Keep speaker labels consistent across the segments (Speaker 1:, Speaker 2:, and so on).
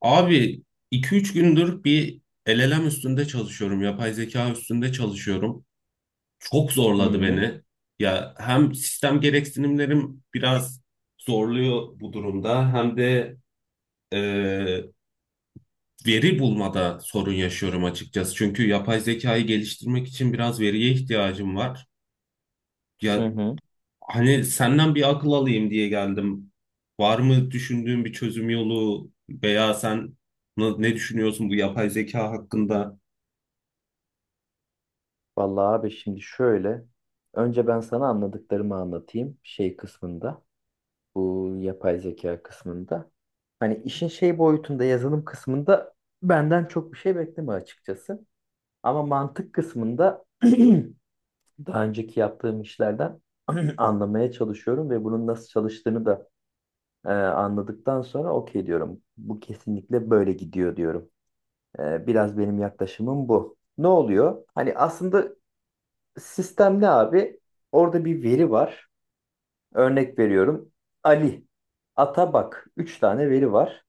Speaker 1: Abi iki üç gündür bir LLM üstünde çalışıyorum. Yapay zeka üstünde çalışıyorum. Çok
Speaker 2: Hı
Speaker 1: zorladı
Speaker 2: hı.
Speaker 1: beni. Ya hem sistem gereksinimlerim biraz zorluyor bu durumda hem de e, veri bulmada sorun yaşıyorum açıkçası. Çünkü yapay zekayı geliştirmek için biraz veriye ihtiyacım var.
Speaker 2: Hı
Speaker 1: Ya
Speaker 2: hı.
Speaker 1: hani senden bir akıl alayım diye geldim. Var mı düşündüğün bir çözüm yolu veya sen ne düşünüyorsun bu yapay zeka hakkında?
Speaker 2: Vallahi abi, şimdi şöyle. Önce ben sana anladıklarımı anlatayım şey kısmında. Bu yapay zeka kısmında. Hani işin şey boyutunda yazılım kısmında benden çok bir şey bekleme açıkçası. Ama mantık kısmında daha önceki yaptığım işlerden anlamaya çalışıyorum ve bunun nasıl çalıştığını da anladıktan sonra okey diyorum. Bu kesinlikle böyle gidiyor diyorum. Biraz benim yaklaşımım bu. Ne oluyor? Hani aslında sistem ne abi? Orada bir veri var. Örnek veriyorum. Ali, Atabak. Üç tane veri var.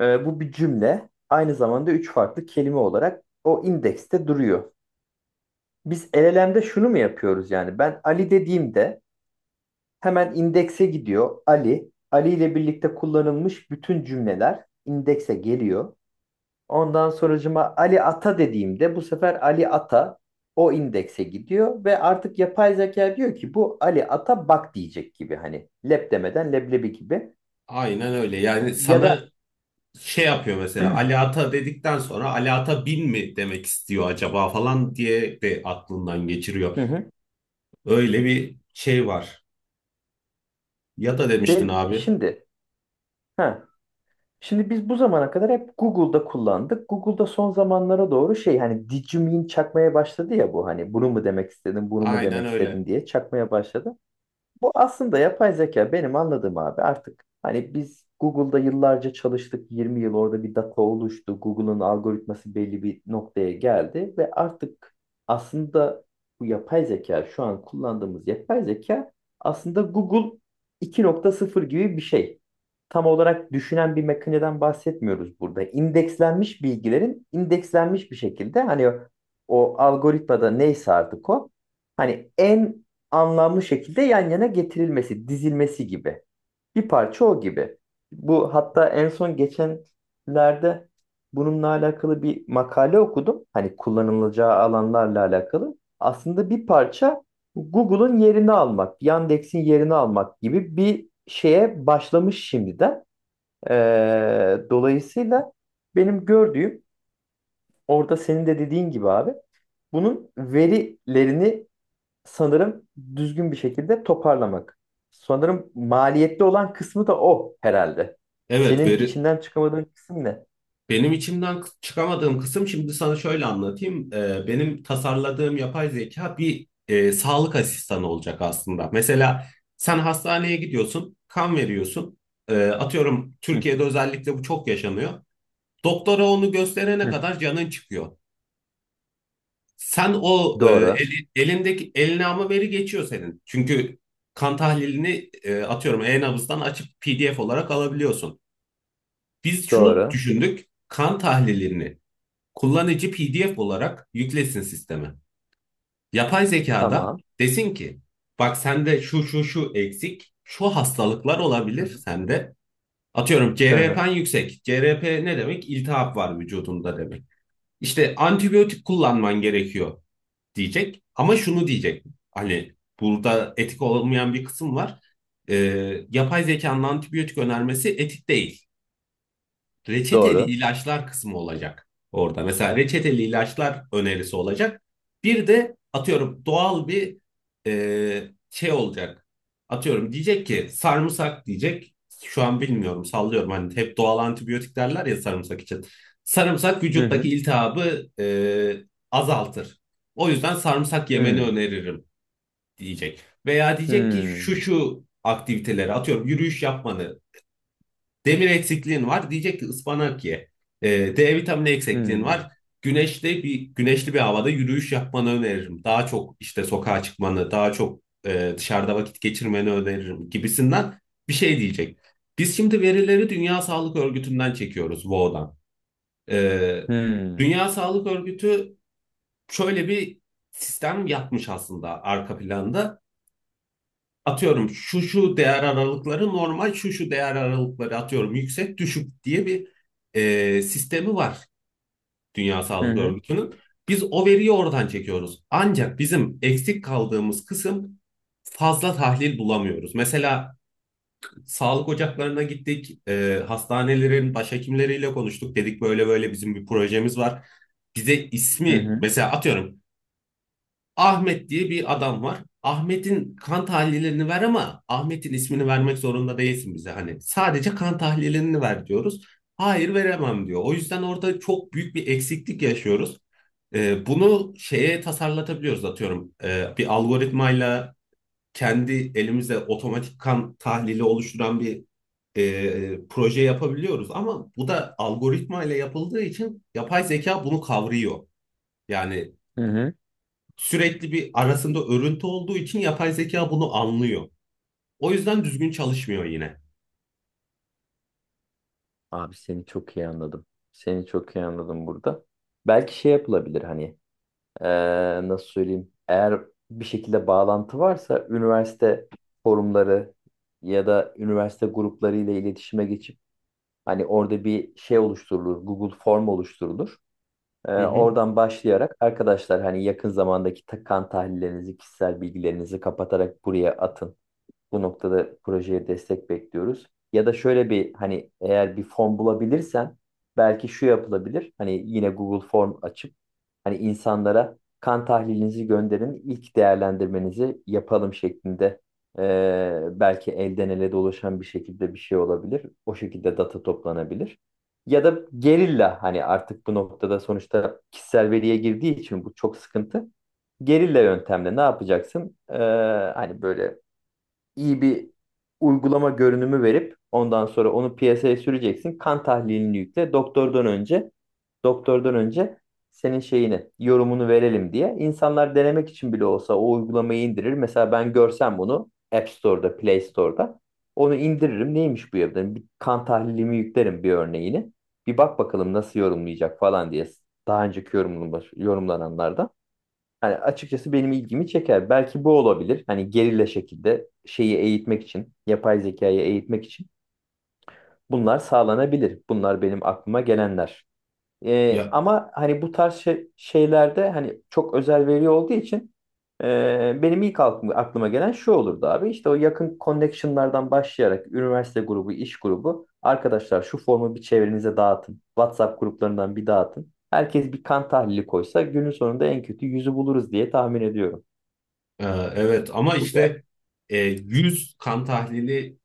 Speaker 2: Bu bir cümle. Aynı zamanda üç farklı kelime olarak o indekste duruyor. Biz LLM'de şunu mu yapıyoruz yani? Ben Ali dediğimde hemen indekse gidiyor. Ali, Ali ile birlikte kullanılmış bütün cümleler indekse geliyor. Ondan sonracıma Ali Ata dediğimde bu sefer Ali Ata o indekse gidiyor ve artık yapay zeka diyor ki bu Ali Ata bak diyecek gibi, hani lep demeden leblebi gibi
Speaker 1: Aynen öyle. Yani
Speaker 2: ya da
Speaker 1: sana şey yapıyor, mesela Ali Ata dedikten sonra Ali Ata bin mi demek istiyor acaba falan diye de aklından
Speaker 2: hı
Speaker 1: geçiriyor.
Speaker 2: hı.
Speaker 1: Öyle bir şey var. Ya da demiştin
Speaker 2: Ve
Speaker 1: abi.
Speaker 2: ha şimdi biz bu zamana kadar hep Google'da kullandık. Google'da son zamanlara doğru şey, hani did you mean çakmaya başladı ya, bu hani bunu mu demek istedin bunu mu
Speaker 1: Aynen
Speaker 2: demek
Speaker 1: öyle.
Speaker 2: istedin diye çakmaya başladı. Bu aslında yapay zeka benim anladığım abi, artık hani biz Google'da yıllarca çalıştık, 20 yıl orada bir data oluştu. Google'ın algoritması belli bir noktaya geldi ve artık aslında bu yapay zeka, şu an kullandığımız yapay zeka aslında Google iki nokta sıfır gibi bir şey. Tam olarak düşünen bir makineden bahsetmiyoruz burada. İndekslenmiş bilgilerin indekslenmiş bir şekilde, hani o algoritmada neyse artık o, hani en anlamlı şekilde yan yana getirilmesi, dizilmesi gibi. Bir parça o gibi. Bu hatta en son geçenlerde bununla alakalı bir makale okudum. Hani kullanılacağı alanlarla alakalı. Aslında bir parça Google'ın yerini almak, Yandex'in yerini almak gibi bir şeye başlamış şimdiden. Dolayısıyla benim gördüğüm, orada senin de dediğin gibi abi, bunun verilerini sanırım düzgün bir şekilde toparlamak. Sanırım maliyetli olan kısmı da o herhalde.
Speaker 1: Evet,
Speaker 2: Senin
Speaker 1: veri,
Speaker 2: içinden çıkamadığın kısım ne?
Speaker 1: çıkamadığım kısım, şimdi sana şöyle anlatayım. Benim tasarladığım yapay zeka bir sağlık asistanı olacak aslında. Mesela sen hastaneye gidiyorsun, kan veriyorsun. Atıyorum
Speaker 2: Hı.
Speaker 1: Türkiye'de özellikle bu çok yaşanıyor. Doktora onu gösterene
Speaker 2: Hı.
Speaker 1: kadar canın çıkıyor. Sen o
Speaker 2: Doğru,
Speaker 1: elindeki eline ama veri geçiyor senin. Çünkü kan tahlilini atıyorum e-nabızdan açıp PDF olarak alabiliyorsun. Biz şunu
Speaker 2: doğru,
Speaker 1: düşündük. Kan tahlilini kullanıcı PDF olarak yüklesin sisteme. Yapay zekada
Speaker 2: tamam.
Speaker 1: desin ki bak sende şu şu şu eksik, şu hastalıklar
Speaker 2: Hı
Speaker 1: olabilir
Speaker 2: hı.
Speaker 1: sende. Atıyorum
Speaker 2: Hı hı.
Speaker 1: CRP'n yüksek. CRP ne demek? İltihap var vücudunda demek. İşte antibiyotik kullanman gerekiyor diyecek. Ama şunu diyecek. Hani burada etik olmayan bir kısım var. Yapay zekanın antibiyotik önermesi etik değil, reçeteli
Speaker 2: Doğru.
Speaker 1: ilaçlar kısmı olacak orada. Mesela reçeteli ilaçlar önerisi olacak. Bir de atıyorum doğal bir şey olacak. Atıyorum diyecek ki sarımsak diyecek. Şu an bilmiyorum, sallıyorum, hani hep doğal antibiyotik derler ya sarımsak için. Sarımsak
Speaker 2: Hı hı.
Speaker 1: vücuttaki iltihabı azaltır. O yüzden sarımsak yemeni
Speaker 2: Hı.
Speaker 1: öneririm diyecek. Veya diyecek ki
Speaker 2: Hı.
Speaker 1: şu şu aktiviteleri atıyorum yürüyüş yapmanı. Demir eksikliğin var. Diyecek ki ıspanak ye. Ee, D vitamini eksikliğin
Speaker 2: Hı.
Speaker 1: var. Güneşte bir güneşli bir havada yürüyüş yapmanı öneririm. Daha çok işte sokağa çıkmanı, daha çok dışarıda vakit geçirmeni öneririm gibisinden bir şey diyecek. Biz şimdi verileri Dünya Sağlık Örgütü'nden çekiyoruz, WHO'dan. Ee,
Speaker 2: Hı.
Speaker 1: Dünya Sağlık Örgütü şöyle bir sistem yapmış aslında arka planda, atıyorum şu şu değer aralıkları normal, şu şu değer aralıkları atıyorum yüksek düşük diye bir sistemi var Dünya
Speaker 2: Hı
Speaker 1: Sağlık
Speaker 2: hı.
Speaker 1: Örgütü'nün. Biz o veriyi oradan çekiyoruz. Ancak bizim eksik kaldığımız kısım, fazla tahlil bulamıyoruz. Mesela sağlık ocaklarına gittik, hastanelerin başhekimleriyle konuştuk. Dedik böyle böyle bizim bir projemiz var. Bize
Speaker 2: Hı
Speaker 1: ismi
Speaker 2: hı.
Speaker 1: mesela atıyorum Ahmet diye bir adam var. Ahmet'in kan tahlillerini ver ama Ahmet'in ismini vermek zorunda değilsin bize. Hani sadece kan tahlillerini ver diyoruz. Hayır veremem diyor. O yüzden orada çok büyük bir eksiklik yaşıyoruz. Bunu şeye tasarlatabiliyoruz atıyorum. Bir algoritmayla kendi elimizle otomatik kan tahlili oluşturan bir proje yapabiliyoruz. Ama bu da algoritmayla yapıldığı için yapay zeka bunu kavrıyor. Yani
Speaker 2: Hı hı.
Speaker 1: sürekli bir arasında örüntü olduğu için yapay zeka bunu anlıyor. O yüzden düzgün çalışmıyor yine.
Speaker 2: Abi seni çok iyi anladım. Seni çok iyi anladım burada. Belki şey yapılabilir hani. Nasıl söyleyeyim? Eğer bir şekilde bağlantı varsa üniversite forumları ya da üniversite grupları ile iletişime geçip hani orada bir şey oluşturulur, Google Form oluşturulur. Ee,
Speaker 1: Hı hı.
Speaker 2: oradan başlayarak arkadaşlar hani yakın zamandaki kan tahlillerinizi, kişisel bilgilerinizi kapatarak buraya atın, bu noktada projeye destek bekliyoruz. Ya da şöyle bir hani, eğer bir form bulabilirsen belki şu yapılabilir. Hani yine Google Form açıp hani insanlara kan tahlilinizi gönderin, ilk değerlendirmenizi yapalım şeklinde, belki elden ele dolaşan bir şekilde bir şey olabilir. O şekilde data toplanabilir. Ya da gerilla, hani artık bu noktada sonuçta kişisel veriye girdiği için bu çok sıkıntı. Gerilla yöntemle ne yapacaksın? Hani böyle iyi bir uygulama görünümü verip ondan sonra onu piyasaya süreceksin. Kan tahlilini yükle. Doktordan önce senin şeyini, yorumunu verelim diye. İnsanlar denemek için bile olsa o uygulamayı indirir. Mesela ben görsem bunu App Store'da, Play Store'da onu indiririm. Neymiş bu ya? Derim. Bir kan tahlilimi yüklerim, bir örneğini. Bir bak bakalım nasıl yorumlayacak falan diye. Daha önceki yorumlananlardan. Hani açıkçası benim ilgimi çeker. Belki bu olabilir. Hani gerilla şekilde şeyi eğitmek için, yapay zekayı eğitmek için bunlar sağlanabilir. Bunlar benim aklıma gelenler. Ee,
Speaker 1: Ya
Speaker 2: ama hani bu tarz şeylerde hani çok özel veri olduğu için benim ilk aklıma gelen şu olurdu abi. İşte o yakın connection'lardan başlayarak üniversite grubu, iş grubu. Arkadaşlar şu formu bir çevrenize dağıtın. WhatsApp gruplarından bir dağıtın. Herkes bir kan tahlili koysa günün sonunda en kötü yüzü buluruz diye tahmin ediyorum.
Speaker 1: e, evet ama
Speaker 2: Bu geldi.
Speaker 1: işte 100 kan tahlili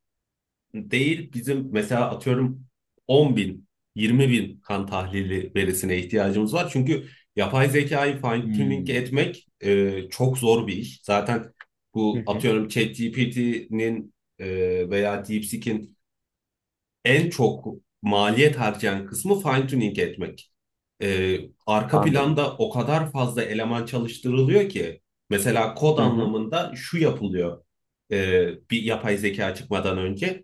Speaker 1: değil bizim, mesela atıyorum 10 bin 20 bin kan tahlili verisine ihtiyacımız var. Çünkü yapay zekayı fine tuning
Speaker 2: Hmm.
Speaker 1: etmek çok zor bir iş. Zaten
Speaker 2: Hı
Speaker 1: bu
Speaker 2: hı.
Speaker 1: atıyorum ChatGPT'nin e, veya DeepSeek'in en çok maliyet harcayan kısmı fine tuning etmek. E, Arka
Speaker 2: Anladım.
Speaker 1: planda o kadar fazla eleman çalıştırılıyor ki mesela kod
Speaker 2: Hı hı.
Speaker 1: anlamında şu yapılıyor bir yapay zeka çıkmadan önce.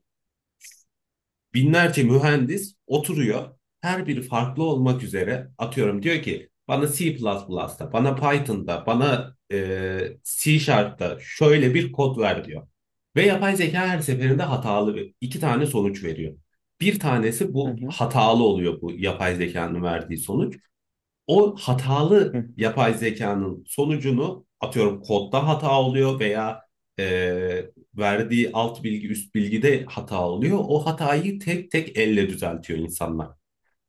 Speaker 1: Binlerce mühendis oturuyor. Her biri farklı olmak üzere atıyorum diyor ki bana C++'da, bana Python'da, bana C Sharp'ta şöyle bir kod ver diyor. Ve yapay zeka her seferinde hatalı iki tane sonuç veriyor. Bir tanesi
Speaker 2: Hı
Speaker 1: bu
Speaker 2: hı.
Speaker 1: hatalı oluyor, bu yapay zekanın verdiği sonuç, o hatalı
Speaker 2: Hı.
Speaker 1: yapay zekanın sonucunu atıyorum kodda hata oluyor veya verdiği alt bilgi üst bilgide hata oluyor. O hatayı tek tek elle düzeltiyor insanlar.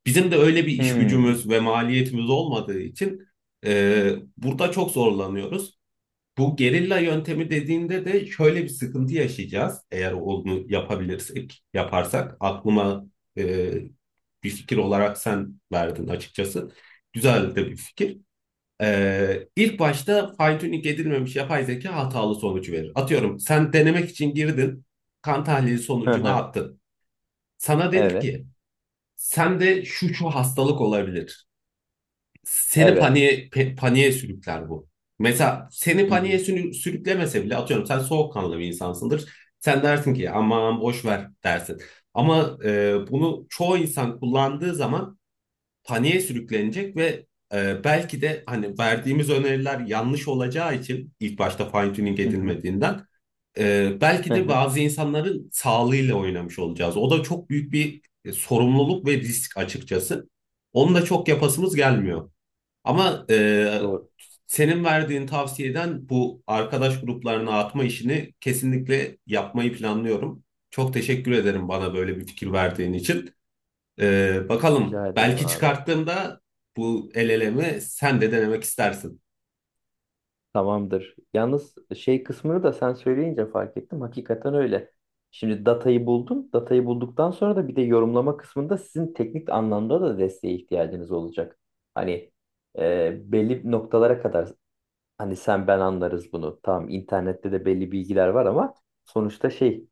Speaker 1: Bizim de öyle bir iş
Speaker 2: Hmm.
Speaker 1: gücümüz ve maliyetimiz olmadığı için e, burada çok zorlanıyoruz. Bu gerilla yöntemi dediğinde de şöyle bir sıkıntı yaşayacağız. Eğer onu yapabilirsek, yaparsak, aklıma e, bir fikir olarak sen verdin açıkçası. Güzel de bir fikir. İlk başta fine-tuning edilmemiş yapay zeka hatalı sonucu verir. Atıyorum sen denemek için girdin, kan tahlili
Speaker 2: Hı
Speaker 1: sonucunu
Speaker 2: hı.
Speaker 1: attın. Sana dedi
Speaker 2: Evet.
Speaker 1: ki sende şu şu hastalık olabilir,
Speaker 2: Evet.
Speaker 1: paniğe sürükler bu. Mesela
Speaker 2: Hı hı.
Speaker 1: sürüklemese bile atıyorum sen soğukkanlı bir insansındır. Sen dersin ki aman boş ver dersin. Ama bunu çoğu insan kullandığı zaman paniğe sürüklenecek ve belki de hani verdiğimiz öneriler yanlış olacağı için ilk başta fine tuning
Speaker 2: Hı hı.
Speaker 1: edilmediğinden belki
Speaker 2: Hı
Speaker 1: de
Speaker 2: hı.
Speaker 1: bazı insanların sağlığıyla oynamış olacağız. O da çok büyük bir sorumluluk ve risk açıkçası. Onu da çok yapasımız gelmiyor. Ama
Speaker 2: Doğru.
Speaker 1: senin verdiğin tavsiyeden bu arkadaş gruplarına atma işini kesinlikle yapmayı planlıyorum. Çok teşekkür ederim bana böyle bir fikir verdiğin için. E, bakalım,
Speaker 2: Rica ederim
Speaker 1: belki
Speaker 2: abi.
Speaker 1: çıkarttığımda bu el elemi sen de denemek istersin.
Speaker 2: Tamamdır. Yalnız şey kısmını da sen söyleyince fark ettim. Hakikaten öyle. Şimdi datayı buldum. Datayı bulduktan sonra da bir de yorumlama kısmında sizin teknik anlamda da desteğe ihtiyacınız olacak. Hani belli noktalara kadar hani sen ben anlarız bunu. Tamam, internette de belli bilgiler var ama sonuçta şey,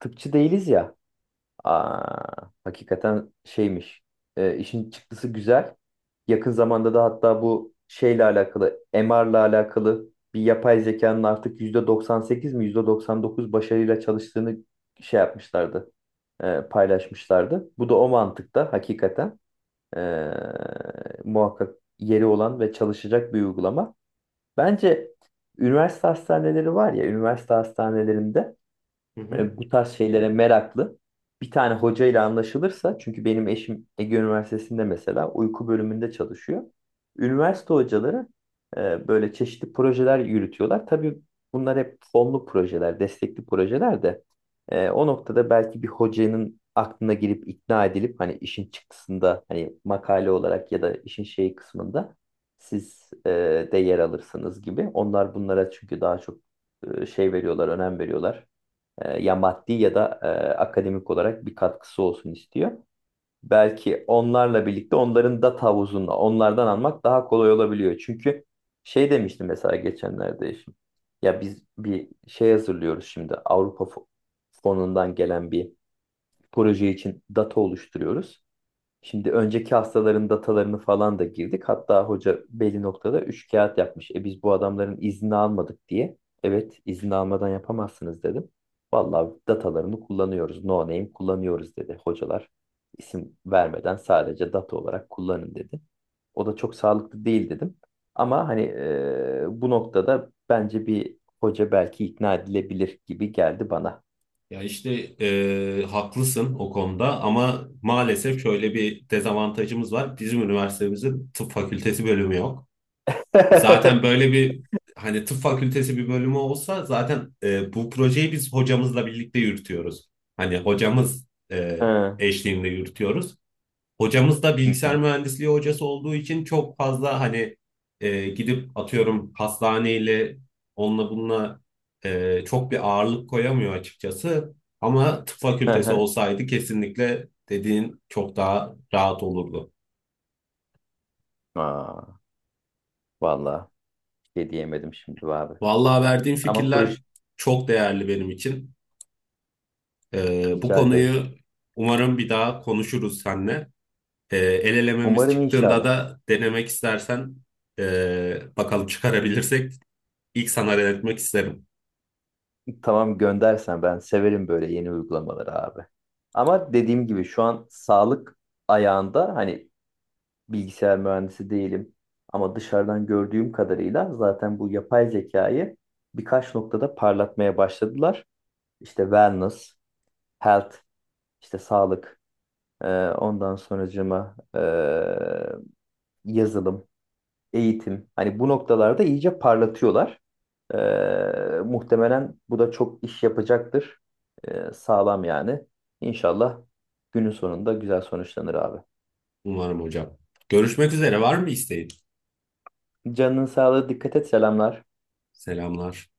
Speaker 2: tıpçı değiliz ya. Aa, hakikaten şeymiş. E, işin çıktısı güzel. Yakın zamanda da hatta bu şeyle alakalı, MR'la alakalı bir yapay zekanın artık %98 mi %99 başarıyla çalıştığını şey yapmışlardı, paylaşmışlardı. Bu da o mantıkta hakikaten e, muhakkak yeri olan ve çalışacak bir uygulama. Bence üniversite hastaneleri var ya, üniversite hastanelerinde
Speaker 1: Hı hı.
Speaker 2: bu tarz şeylere meraklı bir tane hocayla anlaşılırsa, çünkü benim eşim Ege Üniversitesi'nde mesela uyku bölümünde çalışıyor. Üniversite hocaları böyle çeşitli projeler yürütüyorlar. Tabii bunlar hep fonlu projeler, destekli projeler de o noktada belki bir hocanın aklına girip ikna edilip hani işin çıktısında hani makale olarak ya da işin şey kısmında siz de yer alırsınız gibi. Onlar bunlara çünkü daha çok şey veriyorlar, önem veriyorlar, ya maddi ya da akademik olarak bir katkısı olsun istiyor. Belki onlarla birlikte onların data havuzunda onlardan almak daha kolay olabiliyor. Çünkü şey demiştim mesela geçenlerde eşim. Ya biz bir şey hazırlıyoruz şimdi, Avrupa fonundan gelen bir proje için data oluşturuyoruz. Şimdi önceki hastaların datalarını falan da girdik. Hatta hoca belli noktada üç kağıt yapmış. Biz bu adamların izni almadık diye. Evet, izni almadan yapamazsınız dedim. Vallahi datalarını kullanıyoruz. No name kullanıyoruz dedi hocalar. İsim vermeden sadece data olarak kullanın dedi. O da çok sağlıklı değil dedim. Ama hani bu noktada bence bir hoca belki ikna edilebilir gibi geldi bana.
Speaker 1: Ya işte haklısın o konuda ama maalesef şöyle bir dezavantajımız var. Bizim üniversitemizin tıp fakültesi bölümü yok. E, zaten böyle bir, hani tıp fakültesi bir bölümü olsa zaten, bu projeyi biz hocamızla birlikte yürütüyoruz. Hani hocamız
Speaker 2: Hı
Speaker 1: eşliğinde yürütüyoruz. Hocamız da bilgisayar
Speaker 2: hı.
Speaker 1: mühendisliği hocası olduğu için çok fazla hani gidip atıyorum hastaneyle onunla bununla çok bir ağırlık koyamıyor açıkçası. Ama tıp
Speaker 2: Hı
Speaker 1: fakültesi
Speaker 2: hı.
Speaker 1: olsaydı kesinlikle dediğin çok daha rahat olurdu.
Speaker 2: Aa, vallahi. Şey diyemedim şimdi abi.
Speaker 1: Vallahi verdiğin
Speaker 2: Ama proje,
Speaker 1: fikirler çok değerli benim için. Bu
Speaker 2: rica ederim.
Speaker 1: konuyu umarım bir daha konuşuruz seninle. El elememiz
Speaker 2: Umarım,
Speaker 1: çıktığında
Speaker 2: inşallah.
Speaker 1: da denemek istersen, bakalım çıkarabilirsek ilk sana denetmek isterim,
Speaker 2: Tamam, göndersen ben severim böyle yeni uygulamaları abi. Ama dediğim gibi şu an sağlık ayağında hani, bilgisayar mühendisi değilim. Ama dışarıdan gördüğüm kadarıyla zaten bu yapay zekayı birkaç noktada parlatmaya başladılar. İşte wellness, health, işte sağlık, ondan sonracığıma, yazılım, eğitim. Hani bu noktalarda iyice parlatıyorlar. Muhtemelen bu da çok iş yapacaktır. Sağlam yani. İnşallah günün sonunda güzel sonuçlanır abi.
Speaker 1: umarım hocam. Görüşmek üzere, var mı isteğin?
Speaker 2: Canının sağlığı, dikkat et, selamlar.
Speaker 1: Selamlar.